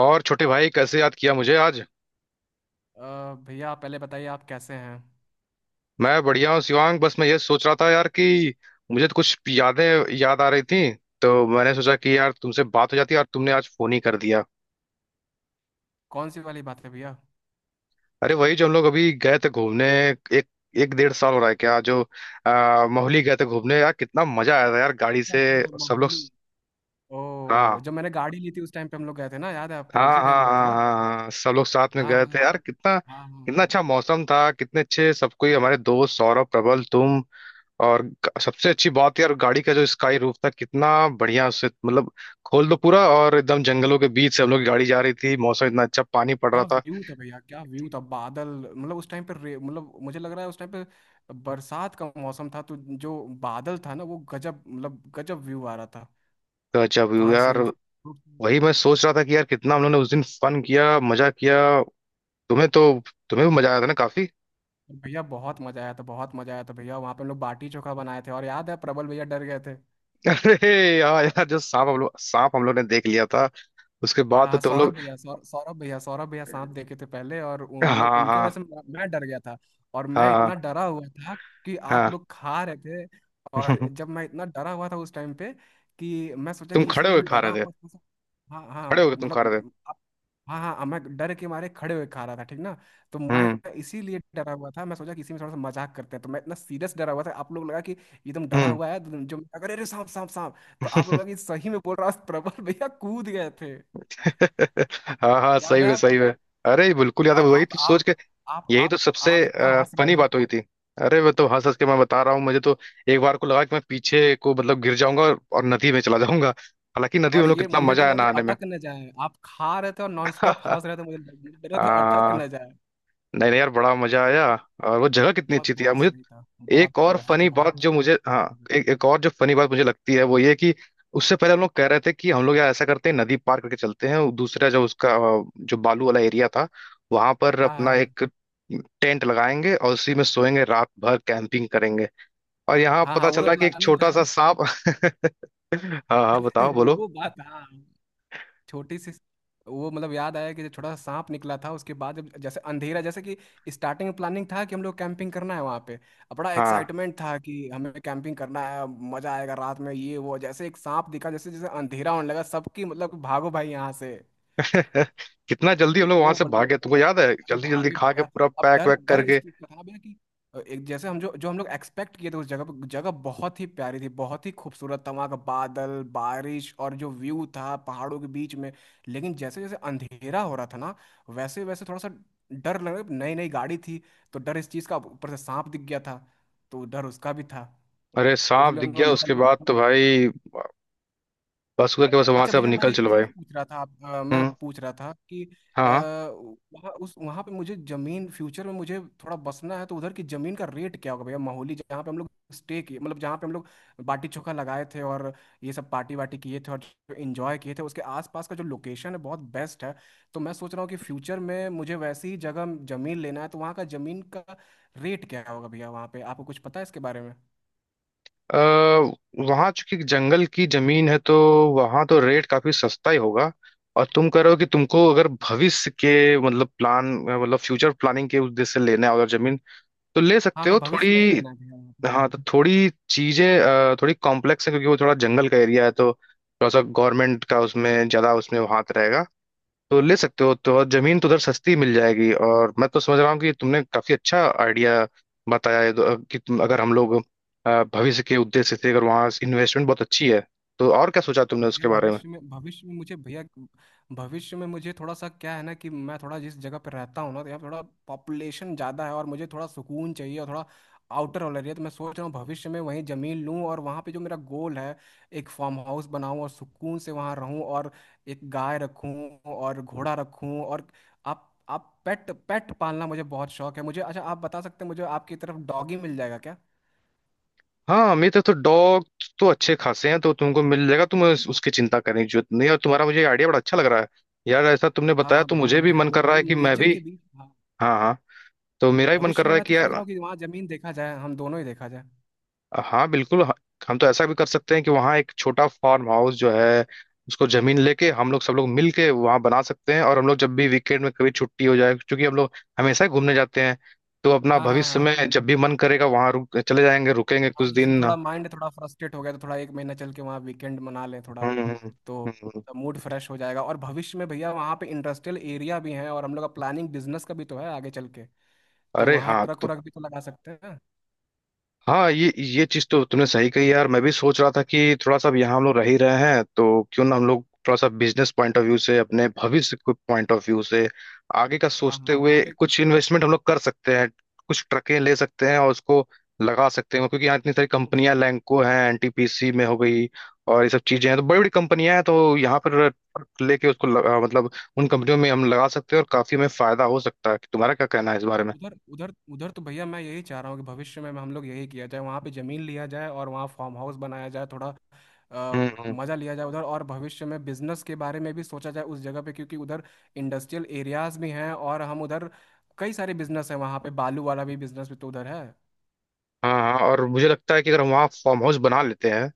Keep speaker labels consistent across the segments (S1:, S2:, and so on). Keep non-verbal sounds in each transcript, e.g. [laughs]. S1: और छोटे भाई कैसे याद किया मुझे आज।
S2: भैया आप पहले बताइए, आप कैसे हैं।
S1: मैं बढ़िया हूँ शिवांग। बस मैं ये सोच रहा था यार कि मुझे तो कुछ यादें याद आ रही थी, तो मैंने सोचा कि यार तुमसे बात हो जाती है, और तुमने आज फोन ही कर दिया।
S2: कौन सी वाली बात है भैया?
S1: अरे वही जो हम लोग अभी गए थे घूमने, एक एक डेढ़ साल हो रहा है क्या जो मोहाली गए थे घूमने, यार कितना मजा आया था यार, गाड़ी
S2: अच्छा
S1: से
S2: अच्छा,
S1: सब लोग।
S2: माहुली।
S1: हाँ,
S2: ओ, जब मैंने गाड़ी ली थी उस टाइम पे हम लोग गए थे ना, याद है आपको?
S1: हाँ,
S2: उसी
S1: हाँ,
S2: टाइम पे गए थे
S1: हाँ,
S2: ना।
S1: हाँ, हाँ, सब लोग साथ में
S2: हाँ
S1: गए थे
S2: हाँ
S1: यार,
S2: हाँ
S1: कितना
S2: हाँ हाँ
S1: कितना
S2: हाँ।
S1: अच्छा मौसम था, कितने अच्छे सब कोई हमारे दोस्त सौरभ, प्रबल, तुम। और सबसे अच्छी बात यार, गाड़ी का जो स्काई रूफ था, कितना बढ़िया, उससे मतलब खोल दो पूरा और एकदम जंगलों के बीच से हम लोग की गाड़ी जा रही थी, मौसम इतना अच्छा, पानी पड़ रहा
S2: क्या
S1: था।
S2: व्यू था भैया, क्या व्यू था, बादल। मतलब उस टाइम पे मतलब मुझे लग रहा है उस टाइम पे बरसात का मौसम था, तो जो बादल था ना वो गजब, मतलब गजब व्यू आ रहा था
S1: गजब
S2: कार
S1: यार।
S2: से
S1: वही मैं सोच रहा था कि यार कितना हम लोगों ने उस दिन फन किया, मजा किया, तुम्हें तो तुम्हें भी मजा आया था ना काफी।
S2: भैया बहुत मजा आया था, बहुत मजा आया था भैया, वहाँ पे हम लोग बाटी चोखा बनाए थे और याद है प्रबल भैया डर गए थे।
S1: [laughs] अरे यार यार, जो सांप हम लोग ने देख लिया था उसके बाद
S2: हाँ
S1: तो
S2: हाँ,
S1: तुम
S2: सौरभ
S1: लोग।
S2: भैया सौर सौरभ भैया सांप देखे थे पहले, और मतलब
S1: हाँ,
S2: उनके वजह से
S1: हाँ,
S2: मैं डर गया था। और मैं इतना
S1: हाँ,
S2: डरा हुआ था कि आप
S1: हाँ।
S2: लोग खा रहे थे। और
S1: [laughs]
S2: जब मैं इतना डरा हुआ था उस टाइम पे, कि मैं सोचा
S1: तुम
S2: कि इसी
S1: खड़े
S2: में
S1: होके
S2: मैं
S1: खा
S2: डरा
S1: रहे थे,
S2: हुआ था तो हाँ हाँ
S1: खड़े होके तुम खा रहे थे।
S2: मतलब हाँ हाँ, मैं डर के मारे खड़े हुए खा रहा था, ठीक ना। तो मैं
S1: हम्म।
S2: इसीलिए डरा हुआ था, मैं सोचा कि इसी में थोड़ा सा मजाक करते हैं, तो मैं इतना सीरियस डरा हुआ था आप लोग लगा कि एकदम डरा
S1: हम्म।
S2: हुआ है, तो जो अरे अरे सांप सांप सांप। तो आप लोग लगा
S1: [laughs]
S2: कि सही में बोल रहा है, प्रबल भैया कूद गए थे।
S1: [laughs] हाँ, हाँ,
S2: याद
S1: सही
S2: है
S1: में, सही
S2: आपको?
S1: में। अरे बिल्कुल याद है,
S2: और
S1: वही तो सोच के
S2: आप
S1: यही
S2: आप
S1: तो सबसे
S2: आप इतना हंस रहे
S1: फनी
S2: थे।
S1: बात हुई थी। अरे वो तो हंस हंस के मैं बता रहा हूँ, मुझे तो एक बार को लगा कि मैं पीछे को मतलब गिर जाऊंगा, और नदी में चला जाऊंगा, हालांकि नदी में
S2: और
S1: हम लोग,
S2: ये
S1: कितना
S2: मुझे
S1: मजा
S2: डर
S1: आया
S2: लग रहा था
S1: नहाने में।
S2: अटक न जाए, आप खा रहे थे और नॉन स्टॉप हंस
S1: [laughs]
S2: रहे थे, मुझे डर रहा था अटक
S1: आ,
S2: न जाए।
S1: नहीं नहीं यार, बड़ा मजा आया।
S2: बहुत।
S1: और वो जगह कितनी
S2: बहुत
S1: अच्छी थी यार
S2: बहुत
S1: मुझे।
S2: सही था, बहुत
S1: एक और
S2: बहुत
S1: फनी
S2: बहुत
S1: बात जो
S2: थी।
S1: मुझे, हाँ। एक एक और जो फनी बात मुझे लगती है वो ये कि उससे पहले हम लोग कह रहे थे कि हम लोग यार ऐसा करते हैं नदी पार करके चलते हैं, और दूसरा जो उसका, जो बालू वाला एरिया था, वहां पर
S2: हाँ
S1: अपना
S2: हाँ हाँ
S1: एक टेंट लगाएंगे और उसी में सोएंगे रात भर, कैंपिंग करेंगे। और यहाँ
S2: हाँ हाँ,
S1: पता
S2: वो तो
S1: चला कि एक
S2: प्लानिंग था
S1: छोटा सा
S2: ही।
S1: सांप। [laughs] हाँ, हाँ, बताओ,
S2: [laughs]
S1: बोलो,
S2: वो बात, हाँ, छोटी सी। वो, मतलब याद आया कि जो छोटा सा सांप निकला था उसके बाद, जब जैसे अंधेरा, जैसे कि स्टार्टिंग में प्लानिंग था कि हम लोग कैंपिंग करना है वहाँ पे, अब बड़ा
S1: हाँ।
S2: एक्साइटमेंट था कि हमें कैंपिंग करना है, मजा आएगा रात में ये वो, जैसे एक सांप दिखा, जैसे जैसे अंधेरा होने लगा सबकी मतलब भागो भाई यहाँ से।
S1: कितना जल्दी हम
S2: तो
S1: लोग वहां
S2: वो,
S1: से भागे,
S2: मतलब
S1: तुमको याद है,
S2: अरे
S1: जल्दी जल्दी
S2: भागे
S1: खा के
S2: भैया।
S1: पूरा
S2: अब
S1: पैक
S2: डर
S1: वैक
S2: डर इस
S1: करके।
S2: चीज का था ना भैया कि एक जैसे हम जो जो हम लोग एक्सपेक्ट किए थे उस जगह पे, जगह बहुत ही प्यारी थी, बहुत ही खूबसूरत था वहाँ का बादल बारिश और जो व्यू था पहाड़ों के बीच में। लेकिन जैसे जैसे अंधेरा हो रहा था ना, वैसे वैसे थोड़ा सा डर लग रहा, नई नई गाड़ी थी, तो डर इस चीज का, ऊपर से सांप दिख गया था तो डर उसका भी था।
S1: अरे
S2: तो
S1: सांप
S2: उसलिए
S1: दिख
S2: हम लोग
S1: गया,
S2: निकल
S1: उसके
S2: लिए।
S1: बाद तो भाई बस हुआ कि बस वहां
S2: अच्छा
S1: से अब
S2: भैया, मैं
S1: निकल
S2: एक
S1: चलो भाई।
S2: चीज पूछ रहा था आप, मैं
S1: हम्म,
S2: पूछ रहा था कि
S1: हाँ।
S2: वहाँ उस वहाँ पे मुझे जमीन फ्यूचर में मुझे थोड़ा बसना है, तो उधर की जमीन का रेट क्या होगा भैया? माहौली जहाँ पे हम लोग स्टे किए, मतलब जहाँ पे हम लोग बाटी चोखा लगाए थे और ये सब पार्टी वाटी किए थे और जो एंजॉय किए थे, उसके आसपास का जो लोकेशन है बहुत बेस्ट है। तो मैं सोच रहा हूँ कि फ्यूचर में मुझे वैसी ही जगह जमीन लेना है, तो वहाँ का जमीन का रेट क्या होगा भैया? वहाँ पे आपको कुछ पता है इसके बारे में?
S1: अः वहां चूंकि जंगल की जमीन है तो वहां तो रेट काफी सस्ता ही होगा। और तुम कह रहे हो कि तुमको अगर भविष्य के मतलब प्लान, मतलब फ्यूचर प्लानिंग के उद्देश्य से लेना है अगर जमीन, तो ले
S2: हाँ
S1: सकते
S2: हाँ,
S1: हो
S2: भविष्य में ही
S1: थोड़ी।
S2: लेना है भैया।
S1: हाँ तो थोड़ी चीजें थोड़ी कॉम्प्लेक्स है, क्योंकि वो थोड़ा जंगल का एरिया है, तो थोड़ा सा गवर्नमेंट का उसमें ज्यादा, उसमें हाथ रहेगा। तो ले सकते हो तो, और जमीन तो उधर सस्ती मिल जाएगी, और मैं तो समझ रहा हूँ कि तुमने काफी अच्छा आइडिया बताया है तो, कि तुम अगर हम लोग भविष्य के उद्देश्य से, अगर वहाँ इन्वेस्टमेंट बहुत अच्छी है तो, और क्या सोचा तुमने
S2: भैया
S1: उसके बारे में?
S2: भविष्य में मुझे भैया, भविष्य में मुझे थोड़ा सा क्या है ना कि मैं थोड़ा जिस जगह पर रहता हूँ ना, तो यहाँ पे थोड़ा पॉपुलेशन ज़्यादा है और मुझे थोड़ा सुकून चाहिए और थोड़ा आउटर वाला एरिया, तो मैं सोच रहा हूँ भविष्य में वहीं ज़मीन लूँ और वहाँ पे जो मेरा गोल है, एक फार्म हाउस बनाऊँ और सुकून से वहाँ रहूँ, और एक गाय रखूँ और घोड़ा रखूँ, और आप पेट पेट पालना मुझे बहुत शौक है। मुझे, अच्छा, आप बता सकते हैं मुझे, आपकी तरफ डॉगी मिल जाएगा क्या?
S1: हाँ, मेरे तो डॉग तो अच्छे खासे हैं तो तुमको मिल जाएगा, उसकी चिंता करने की जरूरत नहीं है। और तुम्हारा मुझे आइडिया बड़ा अच्छा लग रहा है यार, ऐसा तुमने
S2: हाँ
S1: बताया
S2: हाँ
S1: तो
S2: भैया,
S1: मुझे भी
S2: मुझे
S1: मन कर रहा
S2: मुझे
S1: है कि मैं
S2: नेचर
S1: भी,
S2: के बीच, हाँ।
S1: हाँ, हाँ, तो मेरा भी मन कर
S2: भविष्य में
S1: रहा है
S2: मैं तो
S1: कि
S2: सोच
S1: यार,
S2: रहा हूँ कि वहाँ जमीन देखा जाए, हम दोनों ही देखा जाए।
S1: हाँ बिल्कुल। हम तो ऐसा भी कर सकते हैं कि वहाँ एक छोटा फार्म हाउस जो है उसको जमीन लेके हम लोग सब लोग मिल के वहाँ बना सकते हैं, और हम लोग जब भी वीकेंड में कभी छुट्टी हो जाए, क्योंकि हम लोग हमेशा ही घूमने जाते हैं, तो अपना
S2: हाँ हाँ
S1: भविष्य
S2: हाँ
S1: में जब भी मन करेगा वहाँ रुक, चले जाएंगे, रुकेंगे कुछ
S2: हाँ, जैसे
S1: दिन।
S2: थोड़ा माइंड थोड़ा फ्रस्ट्रेट हो गया तो थोड़ा एक महीना चल के वहाँ वीकेंड मना लें थोड़ा,
S1: हम्म,
S2: तो
S1: हम्म।
S2: मूड फ्रेश हो जाएगा। और भविष्य में भैया वहाँ पे इंडस्ट्रियल एरिया भी है और हम लोग का प्लानिंग बिजनेस का भी तो है आगे चल के, तो
S1: अरे
S2: वहाँ
S1: हाँ,
S2: ट्रक
S1: तो
S2: व्रक भी तो लगा सकते हैं।
S1: हाँ ये चीज तो तुमने सही कही यार, मैं भी सोच रहा था कि थोड़ा सा अब यहाँ हम लोग रह ही रहे हैं तो क्यों ना हम लोग थोड़ा सा बिजनेस पॉइंट ऑफ व्यू से, अपने भविष्य के पॉइंट ऑफ व्यू से आगे का
S2: हाँ
S1: सोचते
S2: हाँ
S1: हुए
S2: वहाँ पे,
S1: कुछ इन्वेस्टमेंट हम लोग कर सकते हैं, कुछ ट्रकें ले सकते हैं और उसको लगा सकते हैं, क्योंकि यहाँ इतनी सारी कंपनियां लैंको हैं, एनटीपीसी में हो गई, और ये सब चीजें हैं, तो बड़ी बड़ी कंपनियां हैं तो यहाँ पर ट्रक लेके मतलब उन कंपनियों में हम लगा सकते हैं और काफी हमें फायदा हो सकता है, तुम्हारा क्या कहना है इस बारे में?
S2: उधर उधर उधर तो भैया मैं यही चाह रहा हूँ कि भविष्य में हम लोग यही किया जाए, वहाँ पे जमीन लिया जाए और वहाँ फार्म हाउस बनाया जाए, थोड़ा अ,
S1: हम्म।
S2: मजा लिया जाए उधर, और भविष्य में बिजनेस के बारे में भी सोचा जाए उस जगह पे, क्योंकि उधर इंडस्ट्रियल एरियाज भी हैं, और हम उधर कई सारे बिजनेस हैं वहाँ पे, बालू वाला भी बिजनेस भी तो उधर है।
S1: हाँ, हाँ, और मुझे लगता है कि अगर हम वहाँ फार्म हाउस बना लेते हैं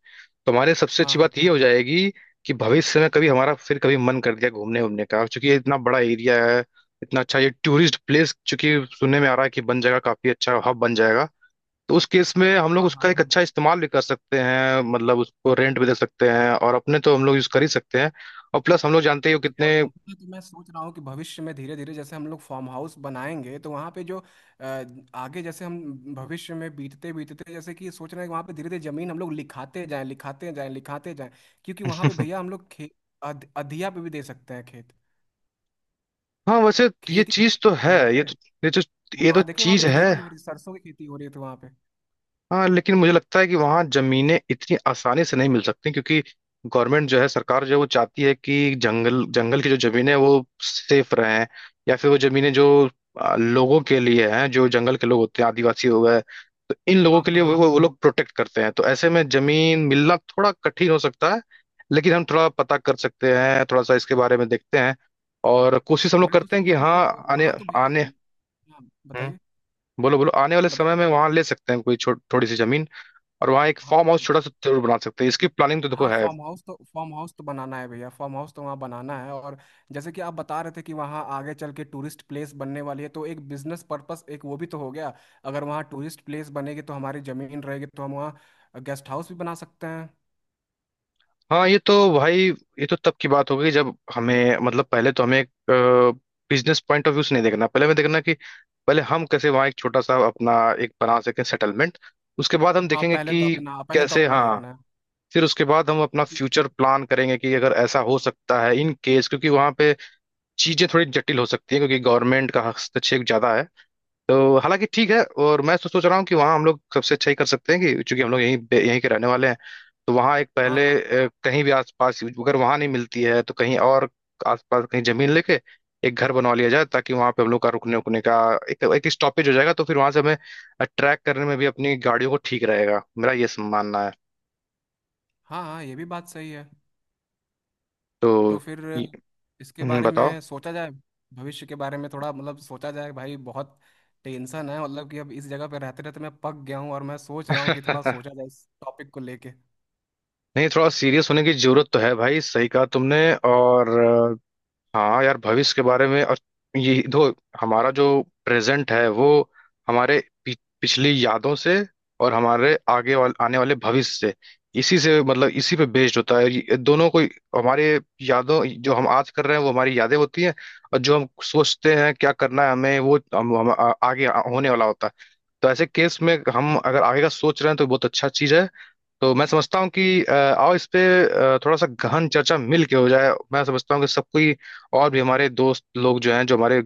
S1: तो हमारे सबसे
S2: हाँ
S1: अच्छी
S2: हाँ
S1: बात ये हो जाएगी कि भविष्य में कभी हमारा फिर कभी मन कर दिया घूमने, घूमने का, क्योंकि ये इतना बड़ा एरिया है, इतना अच्छा ये टूरिस्ट प्लेस चूंकि सुनने में आ रहा है कि बन जाएगा, काफी अच्छा हब बन जाएगा। तो उस केस में हम लोग
S2: हाँ
S1: उसका
S2: हाँ
S1: एक
S2: हाँ
S1: अच्छा इस्तेमाल भी कर सकते हैं, मतलब उसको रेंट भी दे सकते हैं और अपने तो हम लोग यूज कर ही सकते हैं, और प्लस हम लोग जानते ही हो
S2: भैया,
S1: कितने।
S2: वहाँ तो मैं सोच रहा हूँ कि भविष्य में धीरे धीरे जैसे हम लोग फार्म हाउस बनाएंगे, तो वहाँ पे जो आगे जैसे हम भविष्य में बीतते बीतते जैसे कि सोच रहे हैं कि वहाँ पे धीरे धीरे जमीन हम लोग लिखाते जाएं लिखाते जाएं लिखाते जाएं, क्योंकि वहाँ पे भैया
S1: [laughs]
S2: हम लोग खेत अधिया पे भी दे सकते हैं, खेत
S1: हाँ, वैसे ये
S2: खेती
S1: चीज
S2: कर
S1: तो
S2: सकते हैं
S1: है,
S2: वहाँ पे।
S1: ये तो ये तो
S2: वहाँ देखिए, वहाँ पे
S1: चीज है।
S2: खेती हो रही, सरसों की खेती हो रही थी वहाँ पे।
S1: हाँ, लेकिन मुझे लगता है कि वहाँ जमीनें इतनी आसानी से नहीं मिल सकती, क्योंकि गवर्नमेंट जो है, सरकार जो है, वो चाहती है कि जंगल, जंगल की जो जमीनें हैं, वो सेफ रहें, या फिर वो जमीनें जो लोगों के लिए हैं, जो जंगल के लोग होते हैं आदिवासी हो गए, तो इन लोगों
S2: हाँ
S1: के
S2: हाँ
S1: लिए वो
S2: हाँ,
S1: वो वो लोग प्रोटेक्ट करते हैं, तो ऐसे में जमीन मिलना थोड़ा कठिन हो सकता है। लेकिन हम थोड़ा पता कर सकते हैं, थोड़ा सा इसके बारे में देखते हैं, और कोशिश हम लोग
S2: मैं तो
S1: करते हैं कि,
S2: सोच
S1: हाँ
S2: मतलब,
S1: आने,
S2: वहाँ तो
S1: आने,
S2: भैया, हाँ
S1: हम्म,
S2: बताइए
S1: बोलो, बोलो, आने वाले समय
S2: बताइए
S1: में
S2: बताइए।
S1: वहाँ ले सकते हैं कोई थोड़ी सी जमीन, और वहाँ एक
S2: हाँ
S1: फार्म हाउस छोटा सा जरूर बना सकते हैं, इसकी प्लानिंग तो देखो
S2: हाँ,
S1: है।
S2: फार्म हाउस तो बनाना है भैया, फार्म हाउस तो वहाँ बनाना है, और जैसे कि आप बता रहे थे कि वहाँ आगे चल के टूरिस्ट प्लेस बनने वाली है, तो एक बिजनेस पर्पस, एक वो भी तो हो गया। अगर वहाँ टूरिस्ट प्लेस बनेगी तो हमारी जमीन रहेगी, तो हम वहाँ गेस्ट हाउस भी बना सकते हैं।
S1: हाँ ये तो भाई, ये तो तब की बात हो गई जब हमें मतलब पहले तो हमें एक बिजनेस पॉइंट ऑफ व्यू से नहीं देखना, पहले हमें देखना कि पहले हम कैसे वहाँ एक छोटा सा अपना एक बना सकें सेटलमेंट, उसके बाद हम
S2: हाँ,
S1: देखेंगे
S2: पहले तो
S1: कि
S2: अपना पहले तो
S1: कैसे,
S2: अपना
S1: हाँ,
S2: देखना है।
S1: फिर उसके बाद हम अपना
S2: क्योंकि-
S1: फ्यूचर प्लान करेंगे कि अगर ऐसा हो सकता है इन केस, क्योंकि वहाँ पे चीजें थोड़ी जटिल हो सकती हैं क्योंकि गवर्नमेंट का हस्तक्षेप ज्यादा है, तो हालांकि ठीक है, और मैं तो सोच रहा हूँ कि वहाँ हम लोग सबसे अच्छा ही कर सकते हैं कि चूंकि हम लोग यहीं यहीं के रहने वाले हैं, तो वहाँ एक
S2: हाँ
S1: पहले,
S2: हाँ
S1: कहीं भी आसपास, अगर वहाँ नहीं मिलती है तो कहीं और आसपास कहीं जमीन लेके एक घर बनवा लिया जाए, ताकि वहाँ पे हम लोग का रुकने उकने का एक एक स्टॉपेज हो जाएगा, तो फिर वहाँ से हमें ट्रैक करने में भी अपनी गाड़ियों को ठीक रहेगा, मेरा ये मानना है।
S2: हाँ हाँ, ये भी बात सही है, तो
S1: तो
S2: फिर
S1: ये-
S2: इसके बारे
S1: बताओ।
S2: में सोचा जाए, भविष्य के बारे में थोड़ा मतलब सोचा जाए भाई। बहुत टेंशन है, मतलब कि अब इस जगह पे रहते रहते मैं पक गया हूँ और मैं सोच रहा हूँ कि थोड़ा सोचा
S1: [laughs]
S2: जाए इस टॉपिक को लेके।
S1: नहीं, थोड़ा सीरियस होने की जरूरत तो है भाई, सही कहा तुमने। और हाँ यार भविष्य के बारे में, और ये दो, हमारा जो प्रेजेंट है वो हमारे पि, पिछली यादों से और हमारे आने वाले भविष्य से, इसी से मतलब इसी पे बेस्ड होता है, ये दोनों को हमारे, यादों जो हम आज कर रहे हैं वो हमारी यादें होती हैं, और जो हम सोचते हैं क्या करना है हमें, वो हम आगे होने वाला होता है। तो ऐसे केस में हम अगर आगे का सोच रहे हैं तो बहुत अच्छा चीज है, तो मैं समझता हूँ कि आओ इस पे थोड़ा सा गहन चर्चा मिल के हो जाए। मैं समझता हूँ कि सब कोई और भी हमारे दोस्त लोग जो हैं, जो हमारे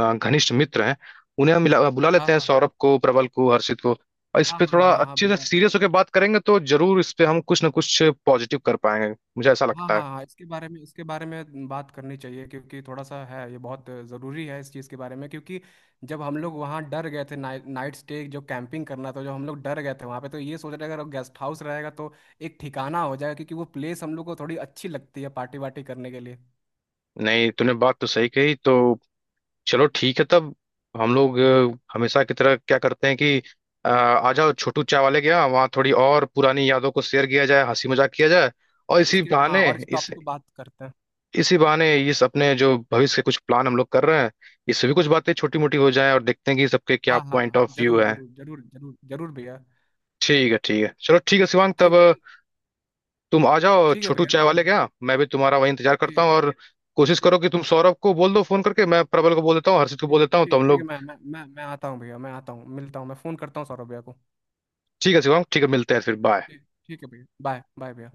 S1: घनिष्ठ मित्र हैं, उन्हें हम मिला बुला
S2: हाँ
S1: लेते हैं,
S2: हाँ
S1: सौरभ को, प्रबल को, हर्षित को, और इस
S2: हाँ
S1: पे
S2: हाँ
S1: थोड़ा
S2: हाँ हाँ
S1: अच्छे से
S2: भैया।
S1: सीरियस होकर बात करेंगे तो जरूर इस पे हम कुछ ना कुछ पॉजिटिव कर पाएंगे, मुझे ऐसा
S2: हाँ
S1: लगता है।
S2: हाँ, इसके बारे में बात करनी चाहिए, क्योंकि थोड़ा सा है, ये बहुत ज़रूरी है इस चीज़ के बारे में, क्योंकि जब हम लोग वहाँ डर गए थे, नाइट नाइट स्टे जो कैंपिंग करना था, जो हम लोग डर गए थे वहाँ पे, तो ये सोच रहे अगर गेस्ट हाउस रहेगा तो एक ठिकाना हो जाएगा, क्योंकि वो प्लेस हम लोग को थोड़ी अच्छी लगती है पार्टी वार्टी करने के लिए।
S1: नहीं, तूने बात तो सही कही, तो चलो ठीक है तब, हम लोग हमेशा की तरह क्या करते हैं कि आ जाओ छोटू चाय वाले के यहाँ, वहाँ थोड़ी और पुरानी यादों को शेयर किया जाए, हंसी मजाक किया जाए, और
S2: और इसके, हाँ, और इस टॉपिक पे बात करते हैं।
S1: इसी बहाने इस अपने जो भविष्य के कुछ प्लान हम लोग कर रहे हैं इससे भी कुछ बातें छोटी मोटी हो जाए, और देखते हैं कि सबके क्या
S2: हाँ हाँ
S1: पॉइंट
S2: हाँ
S1: ऑफ व्यू
S2: जरूर
S1: है।
S2: जरूर जरूर जरूर जरूर भैया।
S1: ठीक है, ठीक है, चलो ठीक है शिवांग तब,
S2: ठीक ठीक
S1: तुम आ जाओ
S2: ठीक है
S1: छोटू
S2: भैया,
S1: चाय
S2: तो
S1: वाले के यहाँ, मैं भी तुम्हारा वही इंतजार करता
S2: ठीक
S1: हूँ, और कोशिश करो
S2: ठीक
S1: कि तुम सौरभ को बोल दो फोन करके, मैं प्रबल को बोल देता हूँ, हर्षित को बोल
S2: ठीक
S1: देता हूँ, तो
S2: ठीक
S1: हम
S2: ठीक है,
S1: लोग,
S2: मैं आता हूँ भैया, मैं आता हूँ, मिलता हूँ, मैं फ़ोन करता हूँ सौरभ भैया को।
S1: ठीक है शिवांग, ठीक है मिलते हैं फिर, बाय।
S2: ठीक, ठीक है भैया, बाय बाय भैया।